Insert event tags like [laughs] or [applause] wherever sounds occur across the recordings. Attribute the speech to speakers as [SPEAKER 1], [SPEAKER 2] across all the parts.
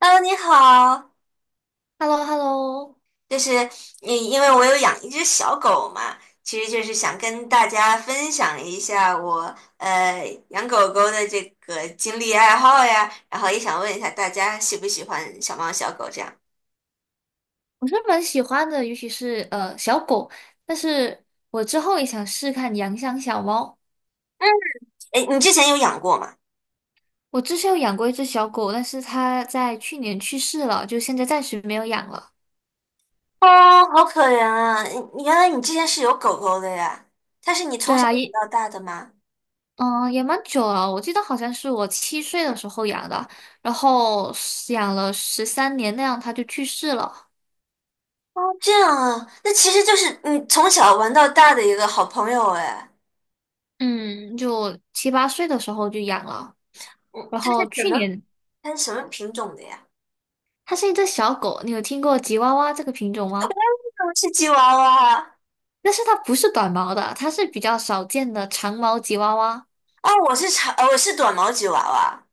[SPEAKER 1] H E 你好，
[SPEAKER 2] h e l l o h e l l o
[SPEAKER 1] 就是你，因为我有养一只小狗嘛，其实就是想跟大家分享一下我养狗狗的这个经历爱好呀，然后也想问一下大家喜不喜欢小猫小狗这样。
[SPEAKER 2] 我是蛮喜欢的，尤其是小狗，但是我之后也想试看养养小猫。
[SPEAKER 1] 哎，你之前有养过吗？
[SPEAKER 2] 我之前有养过一只小狗，但是它在去年去世了，就现在暂时没有养了。
[SPEAKER 1] 哦，好可怜啊！你原来你之前是有狗狗的呀？它是你从
[SPEAKER 2] 对
[SPEAKER 1] 小
[SPEAKER 2] 啊，
[SPEAKER 1] 养
[SPEAKER 2] 也
[SPEAKER 1] 到大的吗？
[SPEAKER 2] 嗯也蛮久了，我记得好像是我七岁的时候养的，然后养了13年那样，它就去世了。
[SPEAKER 1] 哦，这样啊，那其实就是你从小玩到大的一个好朋友哎。
[SPEAKER 2] 嗯，就七八岁的时候就养了，
[SPEAKER 1] 嗯，
[SPEAKER 2] 然
[SPEAKER 1] 它是
[SPEAKER 2] 后
[SPEAKER 1] 什
[SPEAKER 2] 去
[SPEAKER 1] 么？
[SPEAKER 2] 年
[SPEAKER 1] 它是什么品种的呀？
[SPEAKER 2] 它是一只小狗，你有听过吉娃娃这个品种吗？
[SPEAKER 1] 我是吉娃娃啊。
[SPEAKER 2] 但是它不是短毛的，它是比较少见的长毛吉娃娃
[SPEAKER 1] 哦，我是短毛吉娃娃。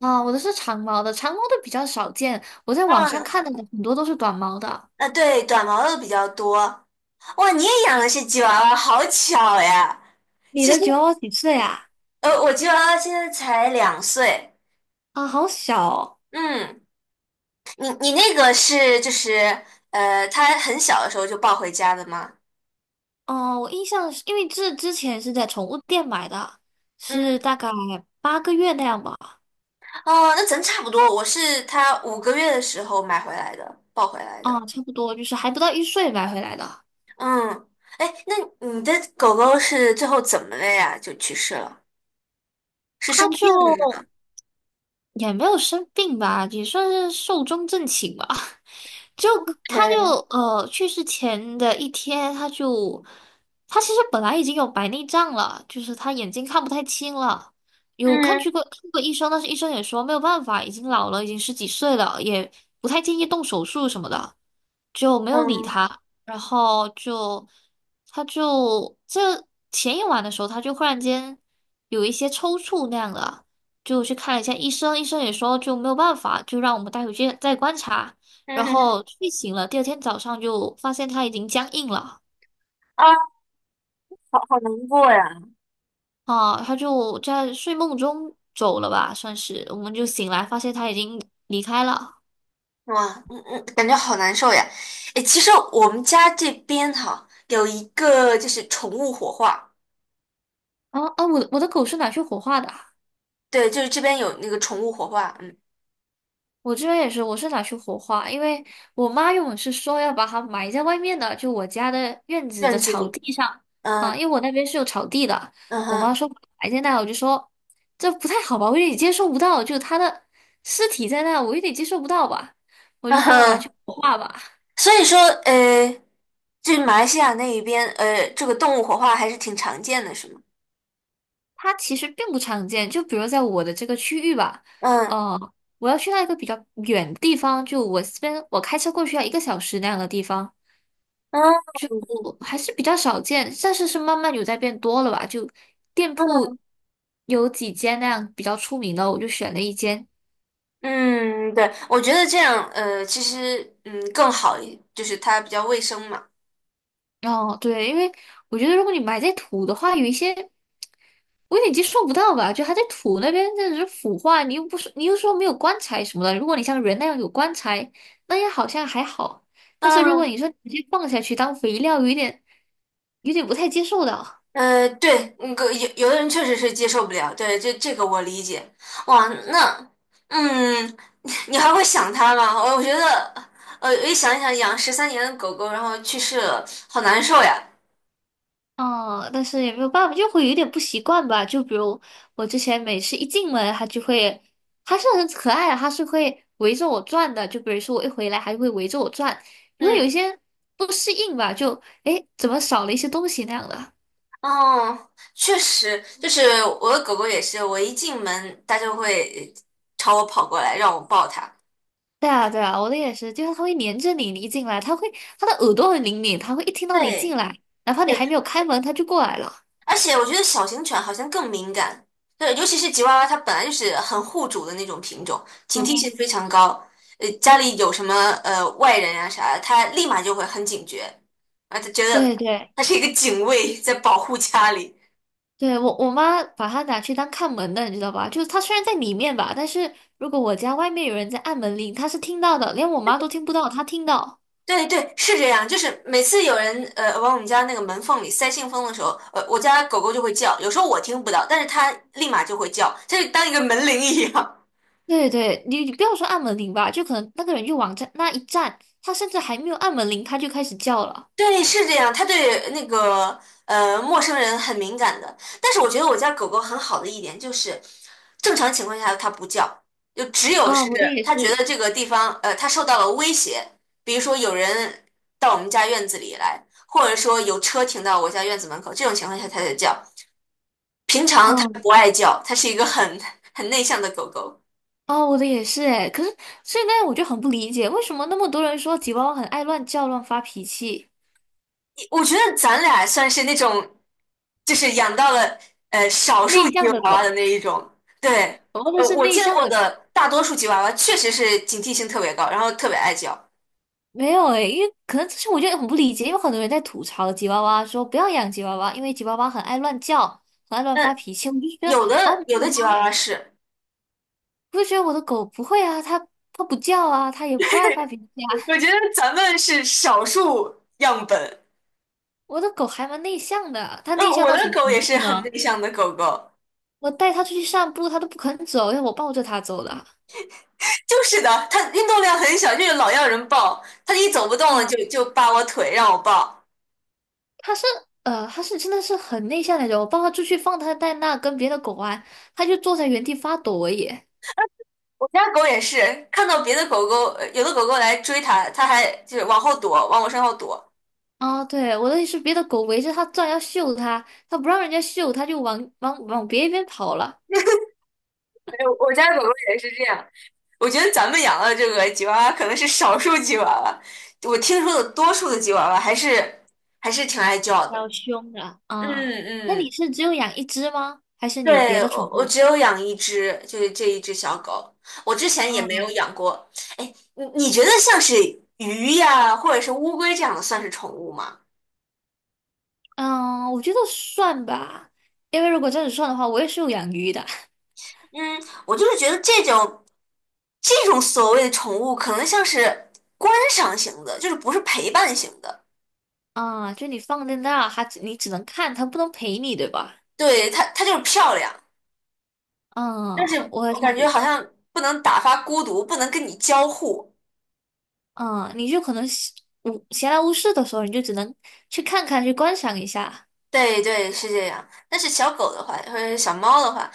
[SPEAKER 2] 啊。我的是长毛的，长毛的比较少见。我在网上
[SPEAKER 1] 嗯，
[SPEAKER 2] 看的很多都是短毛的。
[SPEAKER 1] 啊，对，短毛的比较多。哇，你也养的是吉娃娃，好巧呀！
[SPEAKER 2] 你
[SPEAKER 1] 其
[SPEAKER 2] 的
[SPEAKER 1] 实，
[SPEAKER 2] 吉娃娃几岁啊？
[SPEAKER 1] 我吉娃娃现在才两岁。
[SPEAKER 2] 啊，好小哦！
[SPEAKER 1] 嗯，你你那个是就是，呃，它很小的时候就抱回家的吗？
[SPEAKER 2] 哦，我印象是因为这之前是在宠物店买的，是
[SPEAKER 1] 嗯，
[SPEAKER 2] 大概8个月那样吧。
[SPEAKER 1] 哦，那咱差不多。我是它5个月的时候买回来的，抱回来的。
[SPEAKER 2] 啊，差不多就是还不到一岁买回来的，
[SPEAKER 1] 嗯，哎，那你的狗狗是最后怎么了呀？就去世了？是
[SPEAKER 2] 它
[SPEAKER 1] 生
[SPEAKER 2] 就
[SPEAKER 1] 病了吗？
[SPEAKER 2] 也没有生病吧，也算是寿终正寝吧。[laughs] 就他就
[SPEAKER 1] 哎，
[SPEAKER 2] 去世前的一天，他其实本来已经有白内障了，就是他眼睛看不太清了，
[SPEAKER 1] 嗯
[SPEAKER 2] 去过看过医生，但是医生也说没有办法，已经老了，已经十几岁了，也不太建议动手术什么的，就没有理
[SPEAKER 1] 嗯，
[SPEAKER 2] 他。然后就这前一晚的时候，他就忽然间有一些抽搐那样的。就去看了一下医生，医生也说就没有办法，就让我们带回去再观察。
[SPEAKER 1] 嗯
[SPEAKER 2] 然
[SPEAKER 1] 哼，
[SPEAKER 2] 后睡醒了，第二天早上就发现它已经僵硬了
[SPEAKER 1] 啊，好好难过呀。
[SPEAKER 2] 啊，他就在睡梦中走了吧，算是，我们就醒来发现他已经离开了。
[SPEAKER 1] 哇，嗯嗯，感觉好难受呀。哎，其实我们家这边哈有一个就是宠物火化，
[SPEAKER 2] 啊啊，我的狗是拿去火化的啊
[SPEAKER 1] 对，就是这边有那个宠物火化，嗯，
[SPEAKER 2] 我这边也是，我是拿去火化，因为我妈原本是说要把它埋在外面的，就我家的院子的
[SPEAKER 1] 院子
[SPEAKER 2] 草
[SPEAKER 1] 里，
[SPEAKER 2] 地上啊，
[SPEAKER 1] 嗯，
[SPEAKER 2] 因为我那边是有草地的，
[SPEAKER 1] 嗯
[SPEAKER 2] 我妈
[SPEAKER 1] 哼，
[SPEAKER 2] 说埋在那，我就说这不太好吧，我有点接受不到，就它的尸体在那，我有点接受不到吧。我
[SPEAKER 1] 嗯
[SPEAKER 2] 就说拿去
[SPEAKER 1] 哼，
[SPEAKER 2] 火化吧。
[SPEAKER 1] 所以说，呃，这马来西亚那一边，这个动物火化还是挺常见的，是吗？
[SPEAKER 2] 它其实并不常见，就比如在我的这个区域吧，
[SPEAKER 1] 嗯，
[SPEAKER 2] 呃，我要去到一个比较远的地方，就我这边我开车过去要1个小时那样的地方，
[SPEAKER 1] 嗯，
[SPEAKER 2] 就还是比较少见，但是是慢慢有在变多了吧，就店铺
[SPEAKER 1] 嗯，
[SPEAKER 2] 有几间那样比较出名的，我就选了一间。
[SPEAKER 1] 嗯，对，我觉得这样，其实，嗯，更好一，就是它比较卫生嘛。
[SPEAKER 2] 哦，对，因为我觉得如果你买在土的话，有一些。我有点接受不到吧？就还在土那边，那只是腐化，你又不是，你又说没有棺材什么的。如果你像人那样有棺材，那也好像还好。但是如果
[SPEAKER 1] 嗯，
[SPEAKER 2] 你说直接放下去当肥料，有点不太接受的。
[SPEAKER 1] 对，有的人确实是接受不了，对，这个我理解。哇，那，嗯，你还会想它吗？我觉得，一想一想，养13年的狗狗，然后去世了，好难受呀。
[SPEAKER 2] 哦，但是也没有办法，就会有点不习惯吧。就比如我之前每次一进门，它就会，它是很可爱的，它是会围着我转的。就比如说我一回来，还会围着我转，因为有
[SPEAKER 1] 嗯，
[SPEAKER 2] 一些不适应吧，就诶，怎么少了一些东西那样的。
[SPEAKER 1] 哦，确实，就是我的狗狗也是，我一进门，它就会朝我跑过来，让我抱它。
[SPEAKER 2] 对啊，对啊，我的也是，就是它会黏着你，你一进来，它会，它的耳朵很灵敏，它会一听到你
[SPEAKER 1] 对。
[SPEAKER 2] 进来，哪怕你还没有开门，它就过来了。
[SPEAKER 1] 而且我觉得小型犬好像更敏感，对，尤其是吉娃娃，它本来就是很护主的那种品种，警惕性
[SPEAKER 2] 嗯，
[SPEAKER 1] 非常高。家里有什么外人啊啥的，它立马就会很警觉，啊，它觉得
[SPEAKER 2] 对对
[SPEAKER 1] 它是一个警卫在保护家里。
[SPEAKER 2] 对，我妈把它拿去当看门的，你知道吧？就是它虽然在里面吧，但是如果我家外面有人在按门铃，它是听到的，连我妈都听不到，它听到。
[SPEAKER 1] 对对，是这样，就是每次有人往我们家那个门缝里塞信封的时候，我家狗狗就会叫，有时候我听不到，但是它立马就会叫，就是当一个门铃一样。
[SPEAKER 2] 对对，你不要说按门铃吧，就可能那个人就往这那一站，它甚至还没有按门铃，它就开始叫了。
[SPEAKER 1] 对，是这样，它对那个陌生人很敏感的。但是我觉得我家狗狗很好的一点就是，正常情况下它不叫，就只有
[SPEAKER 2] 啊，
[SPEAKER 1] 是
[SPEAKER 2] 我的也
[SPEAKER 1] 它觉
[SPEAKER 2] 是，
[SPEAKER 1] 得这个地方它受到了威胁，比如说有人到我们家院子里来，或者说有车停到我家院子门口，这种情况下它才叫。平常它不爱叫，它是一个很 [laughs] 很内向的狗狗。
[SPEAKER 2] 哦，我的也是哎，可是现在我就很不理解，为什么那么多人说吉娃娃很爱乱叫、乱发脾气，
[SPEAKER 1] 我觉得咱俩算是那种，就是养到了少数
[SPEAKER 2] 内
[SPEAKER 1] 吉
[SPEAKER 2] 向的
[SPEAKER 1] 娃娃的
[SPEAKER 2] 狗，
[SPEAKER 1] 那一种。对，
[SPEAKER 2] 我们都是
[SPEAKER 1] 我
[SPEAKER 2] 内
[SPEAKER 1] 见
[SPEAKER 2] 向
[SPEAKER 1] 过
[SPEAKER 2] 的狗。
[SPEAKER 1] 的大多数吉娃娃确实是警惕性特别高，然后特别爱叫。
[SPEAKER 2] 没有诶，因为可能这是我就很不理解，因为很多人在吐槽吉娃娃，说不要养吉娃娃，因为吉娃娃很爱乱叫，很爱乱
[SPEAKER 1] 那
[SPEAKER 2] 发脾气。我就觉得
[SPEAKER 1] 有
[SPEAKER 2] 啊，
[SPEAKER 1] 的
[SPEAKER 2] 没
[SPEAKER 1] 有
[SPEAKER 2] 有
[SPEAKER 1] 的吉娃
[SPEAKER 2] 啊，
[SPEAKER 1] 娃是，
[SPEAKER 2] 我就觉得我的狗不会啊，它不叫啊，它也不爱发脾气啊。
[SPEAKER 1] 我
[SPEAKER 2] [laughs]
[SPEAKER 1] 觉得咱们是少数样本。
[SPEAKER 2] 我的狗还蛮内向的，它内
[SPEAKER 1] 那
[SPEAKER 2] 向
[SPEAKER 1] 我
[SPEAKER 2] 到
[SPEAKER 1] 的
[SPEAKER 2] 什么
[SPEAKER 1] 狗
[SPEAKER 2] 程
[SPEAKER 1] 也是
[SPEAKER 2] 度
[SPEAKER 1] 很
[SPEAKER 2] 呢？
[SPEAKER 1] 内向的狗狗，
[SPEAKER 2] 我带它出去散步，它都不肯走，要我抱着它走的啊。
[SPEAKER 1] 就是的，它运动量很小，就是老要人抱，它一走不动了就扒我腿让我抱。
[SPEAKER 2] 它是它是真的是很内向那种。我抱它出去放它在那跟别的狗玩，它就坐在原地发抖而已。
[SPEAKER 1] 我家狗也是，看到别的狗狗，有的狗狗来追它，它还就是往后躲，往我身后躲。
[SPEAKER 2] 啊，对，我的意思是别的狗围着它转要嗅它，它不让人家嗅，它就往别一边跑了，
[SPEAKER 1] 哎我家狗狗也是这样。我觉得咱们养的这个吉娃娃可能是少数吉娃娃，我听说的多数的吉娃娃还是挺爱叫
[SPEAKER 2] 比
[SPEAKER 1] 的。
[SPEAKER 2] 较凶的
[SPEAKER 1] 嗯
[SPEAKER 2] 啊。那你
[SPEAKER 1] 嗯，
[SPEAKER 2] 是只有养一只吗？还是你有别
[SPEAKER 1] 对，
[SPEAKER 2] 的
[SPEAKER 1] 我
[SPEAKER 2] 宠
[SPEAKER 1] 我
[SPEAKER 2] 物？
[SPEAKER 1] 只有养一只，就是这一只小狗，我之前也没
[SPEAKER 2] 嗯
[SPEAKER 1] 有养过。哎，你觉得像是鱼呀，或者是乌龟这样的算是宠物吗？
[SPEAKER 2] 嗯，我觉得算吧，因为如果这样子算的话，我也是有养鱼的
[SPEAKER 1] 嗯，我就是觉得这种所谓的宠物，可能像是观赏型的，就是不是陪伴型的。
[SPEAKER 2] 啊。就你放在那，你只能看，它不能陪你，对吧？
[SPEAKER 1] 对，它就是漂亮，但
[SPEAKER 2] 嗯，
[SPEAKER 1] 是
[SPEAKER 2] 我
[SPEAKER 1] 我
[SPEAKER 2] 想。
[SPEAKER 1] 感觉好像不能打发孤独，不能跟你交互。
[SPEAKER 2] 嗯，你就可能闲无闲来无事的时候，你就只能去看看，去观赏一下。
[SPEAKER 1] 对对，是这样。但是小狗的话，或者是小猫的话，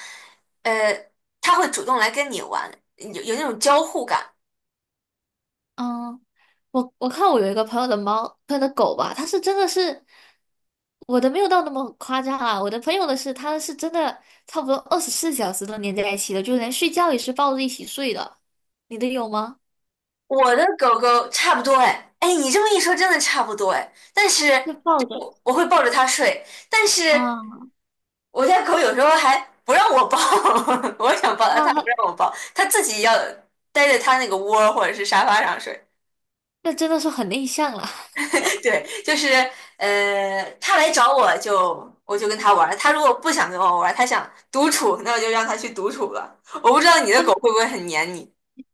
[SPEAKER 1] 呃，它会主动来跟你玩，有那种交互感。
[SPEAKER 2] 嗯，我看我有一个朋友的猫，他的狗吧，它是真的是我的没有到那么夸张啊，我的朋友的是，它是真的差不多24小时都黏在一起的，就连睡觉也是抱着一起睡的。你的有吗？
[SPEAKER 1] 我的狗狗差不多哎，哎，你这么一说，真的差不多哎。但
[SPEAKER 2] 就
[SPEAKER 1] 是
[SPEAKER 2] 抱着
[SPEAKER 1] 我会抱着它睡，但是。
[SPEAKER 2] 啊，
[SPEAKER 1] 我家狗有时候还不让我抱，[laughs] 我想抱它，
[SPEAKER 2] 那
[SPEAKER 1] 它不
[SPEAKER 2] 他
[SPEAKER 1] 让我抱，它自己要待在它那个窝儿或者是沙发上睡。
[SPEAKER 2] 那真的是很内向了。[laughs]
[SPEAKER 1] [laughs] 对，就是它来找我我就跟它玩儿，它如果不想跟我玩儿，它想独处，那我就让它去独处了。我不知道你的狗会不会很黏你，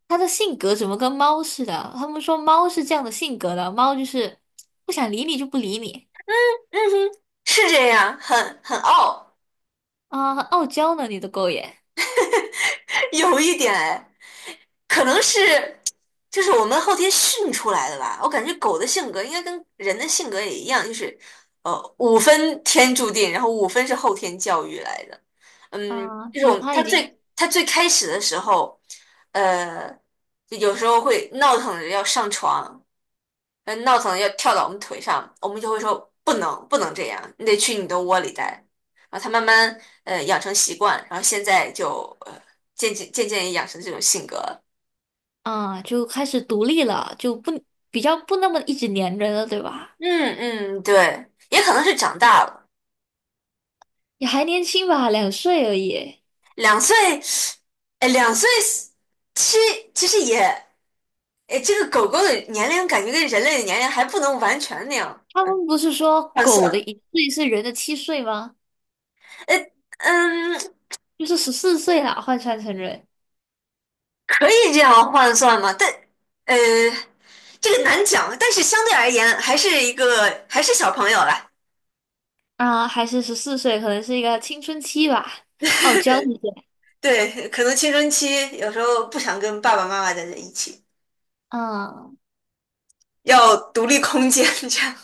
[SPEAKER 2] 他的性格怎么跟猫似的？他们说猫是这样的性格的，猫就是不想理你就不理你。
[SPEAKER 1] 嗯哼，是这样，很傲，
[SPEAKER 2] 啊，很傲娇呢，你的狗也，
[SPEAKER 1] [laughs] 有一点哎。可能是就是我们后天训出来的吧。我感觉狗的性格应该跟人的性格也一样，就是五分天注定，然后五分是后天教育来的。嗯，
[SPEAKER 2] 啊，
[SPEAKER 1] 就是我
[SPEAKER 2] 就
[SPEAKER 1] 们
[SPEAKER 2] 它
[SPEAKER 1] 它
[SPEAKER 2] 已经
[SPEAKER 1] 最它最开始的时候，呃，就有时候会闹腾着要上床，闹腾着要跳到我们腿上，我们就会说不能这样，你得去你的窝里待。然后它慢慢养成习惯，然后现在就渐渐也养成这种性格了。
[SPEAKER 2] 啊，就开始独立了，就不比较不那么一直粘人了，对吧？
[SPEAKER 1] 嗯嗯，对，也可能是长大了，
[SPEAKER 2] 也还年轻吧，两岁而已。
[SPEAKER 1] 两岁，哎，两岁其其实也，哎，这个狗狗的年龄感觉跟人类的年龄还不能完全那样
[SPEAKER 2] 他们不是说
[SPEAKER 1] 换
[SPEAKER 2] 狗的
[SPEAKER 1] 算，
[SPEAKER 2] 一岁是人的七岁吗？
[SPEAKER 1] 哎，嗯，
[SPEAKER 2] 就是十四岁啦，换算成人
[SPEAKER 1] 可以这样换算吗？但，呃，这个难讲，但是相对而言还是小朋友啦。
[SPEAKER 2] 啊，还是十四岁，可能是一个青春期吧，傲娇一点。
[SPEAKER 1] 对，可能青春期有时候不想跟爸爸妈妈待在一起，
[SPEAKER 2] 嗯
[SPEAKER 1] 要独立空间这样。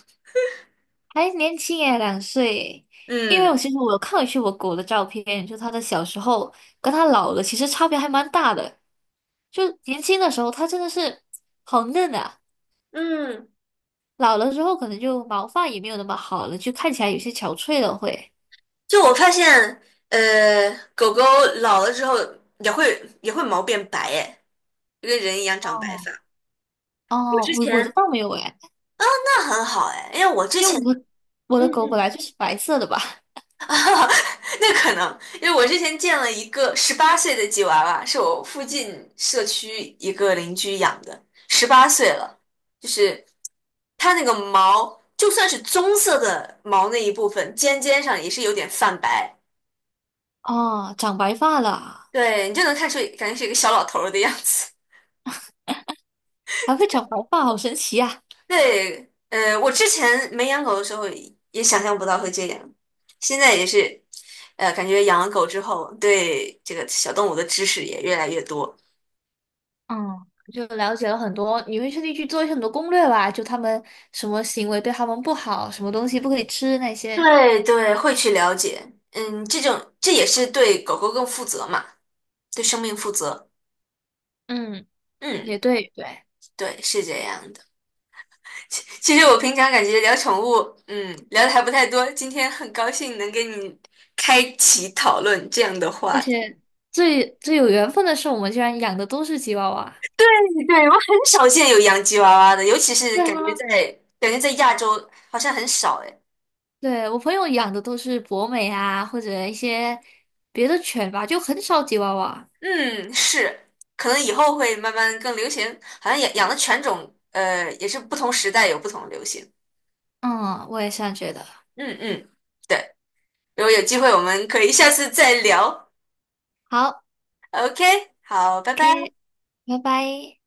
[SPEAKER 2] 还年轻耶，两岁耶因为我
[SPEAKER 1] 嗯
[SPEAKER 2] 其实我有看回去我狗的照片，就它的小时候跟它老了，其实差别还蛮大的。就年轻的时候，它真的是好嫩啊，
[SPEAKER 1] 嗯。
[SPEAKER 2] 老了之后可能就毛发也没有那么好了，就看起来有些憔悴了会。
[SPEAKER 1] 就我发现，呃，狗狗老了之后也会毛变白，哎，就跟人一样长白
[SPEAKER 2] 哦
[SPEAKER 1] 发。我
[SPEAKER 2] 哦，
[SPEAKER 1] 之
[SPEAKER 2] 我的
[SPEAKER 1] 前
[SPEAKER 2] 倒没有哎，
[SPEAKER 1] 那很好，哎，因为我之
[SPEAKER 2] 因为
[SPEAKER 1] 前，
[SPEAKER 2] 我的
[SPEAKER 1] 嗯
[SPEAKER 2] 狗本
[SPEAKER 1] 嗯，
[SPEAKER 2] 来就是白色的吧？
[SPEAKER 1] 那可能因为我之前见了一个十八岁的吉娃娃，是我附近社区一个邻居养的，十八岁了，就是它那个毛，就算是棕色的毛那一部分，尖尖上也是有点泛白，
[SPEAKER 2] 哦，长白发了，
[SPEAKER 1] 对你就能看出，感觉是一个小老头儿的样子。
[SPEAKER 2] 还会长白发，好神奇啊！
[SPEAKER 1] 对，我之前没养狗的时候也想象不到会这样，现在也是，感觉养了狗之后，对这个小动物的知识也越来越多。
[SPEAKER 2] 嗯，就了解了很多，你会特地去做一些很多攻略吧？就他们什么行为对他们不好，什么东西不可以吃那些。
[SPEAKER 1] 对对，会去了解，嗯，这也是对狗狗更负责嘛，对生命负责。
[SPEAKER 2] 嗯，也
[SPEAKER 1] 嗯，
[SPEAKER 2] 对对，
[SPEAKER 1] 对，是这样的。其实我平常感觉聊宠物，嗯，聊的还不太多，今天很高兴能跟你开启讨论这样的
[SPEAKER 2] 而
[SPEAKER 1] 话
[SPEAKER 2] 且最最有缘分的是，我们居然养的都是吉娃娃。
[SPEAKER 1] 对，我很少见有洋吉娃娃的，尤其是
[SPEAKER 2] 对啊，
[SPEAKER 1] 感觉在亚洲好像很少哎。
[SPEAKER 2] 对，我朋友养的都是博美啊，或者一些别的犬吧，就很少吉娃娃。
[SPEAKER 1] 嗯，是，可能以后会慢慢更流行，好像养的犬种，也是不同时代有不同的流行。
[SPEAKER 2] 嗯，我也是这样觉得。
[SPEAKER 1] 嗯嗯，对，如果有机会我们可以下次再聊。
[SPEAKER 2] 好，
[SPEAKER 1] OK，好，拜拜。
[SPEAKER 2] 拜拜。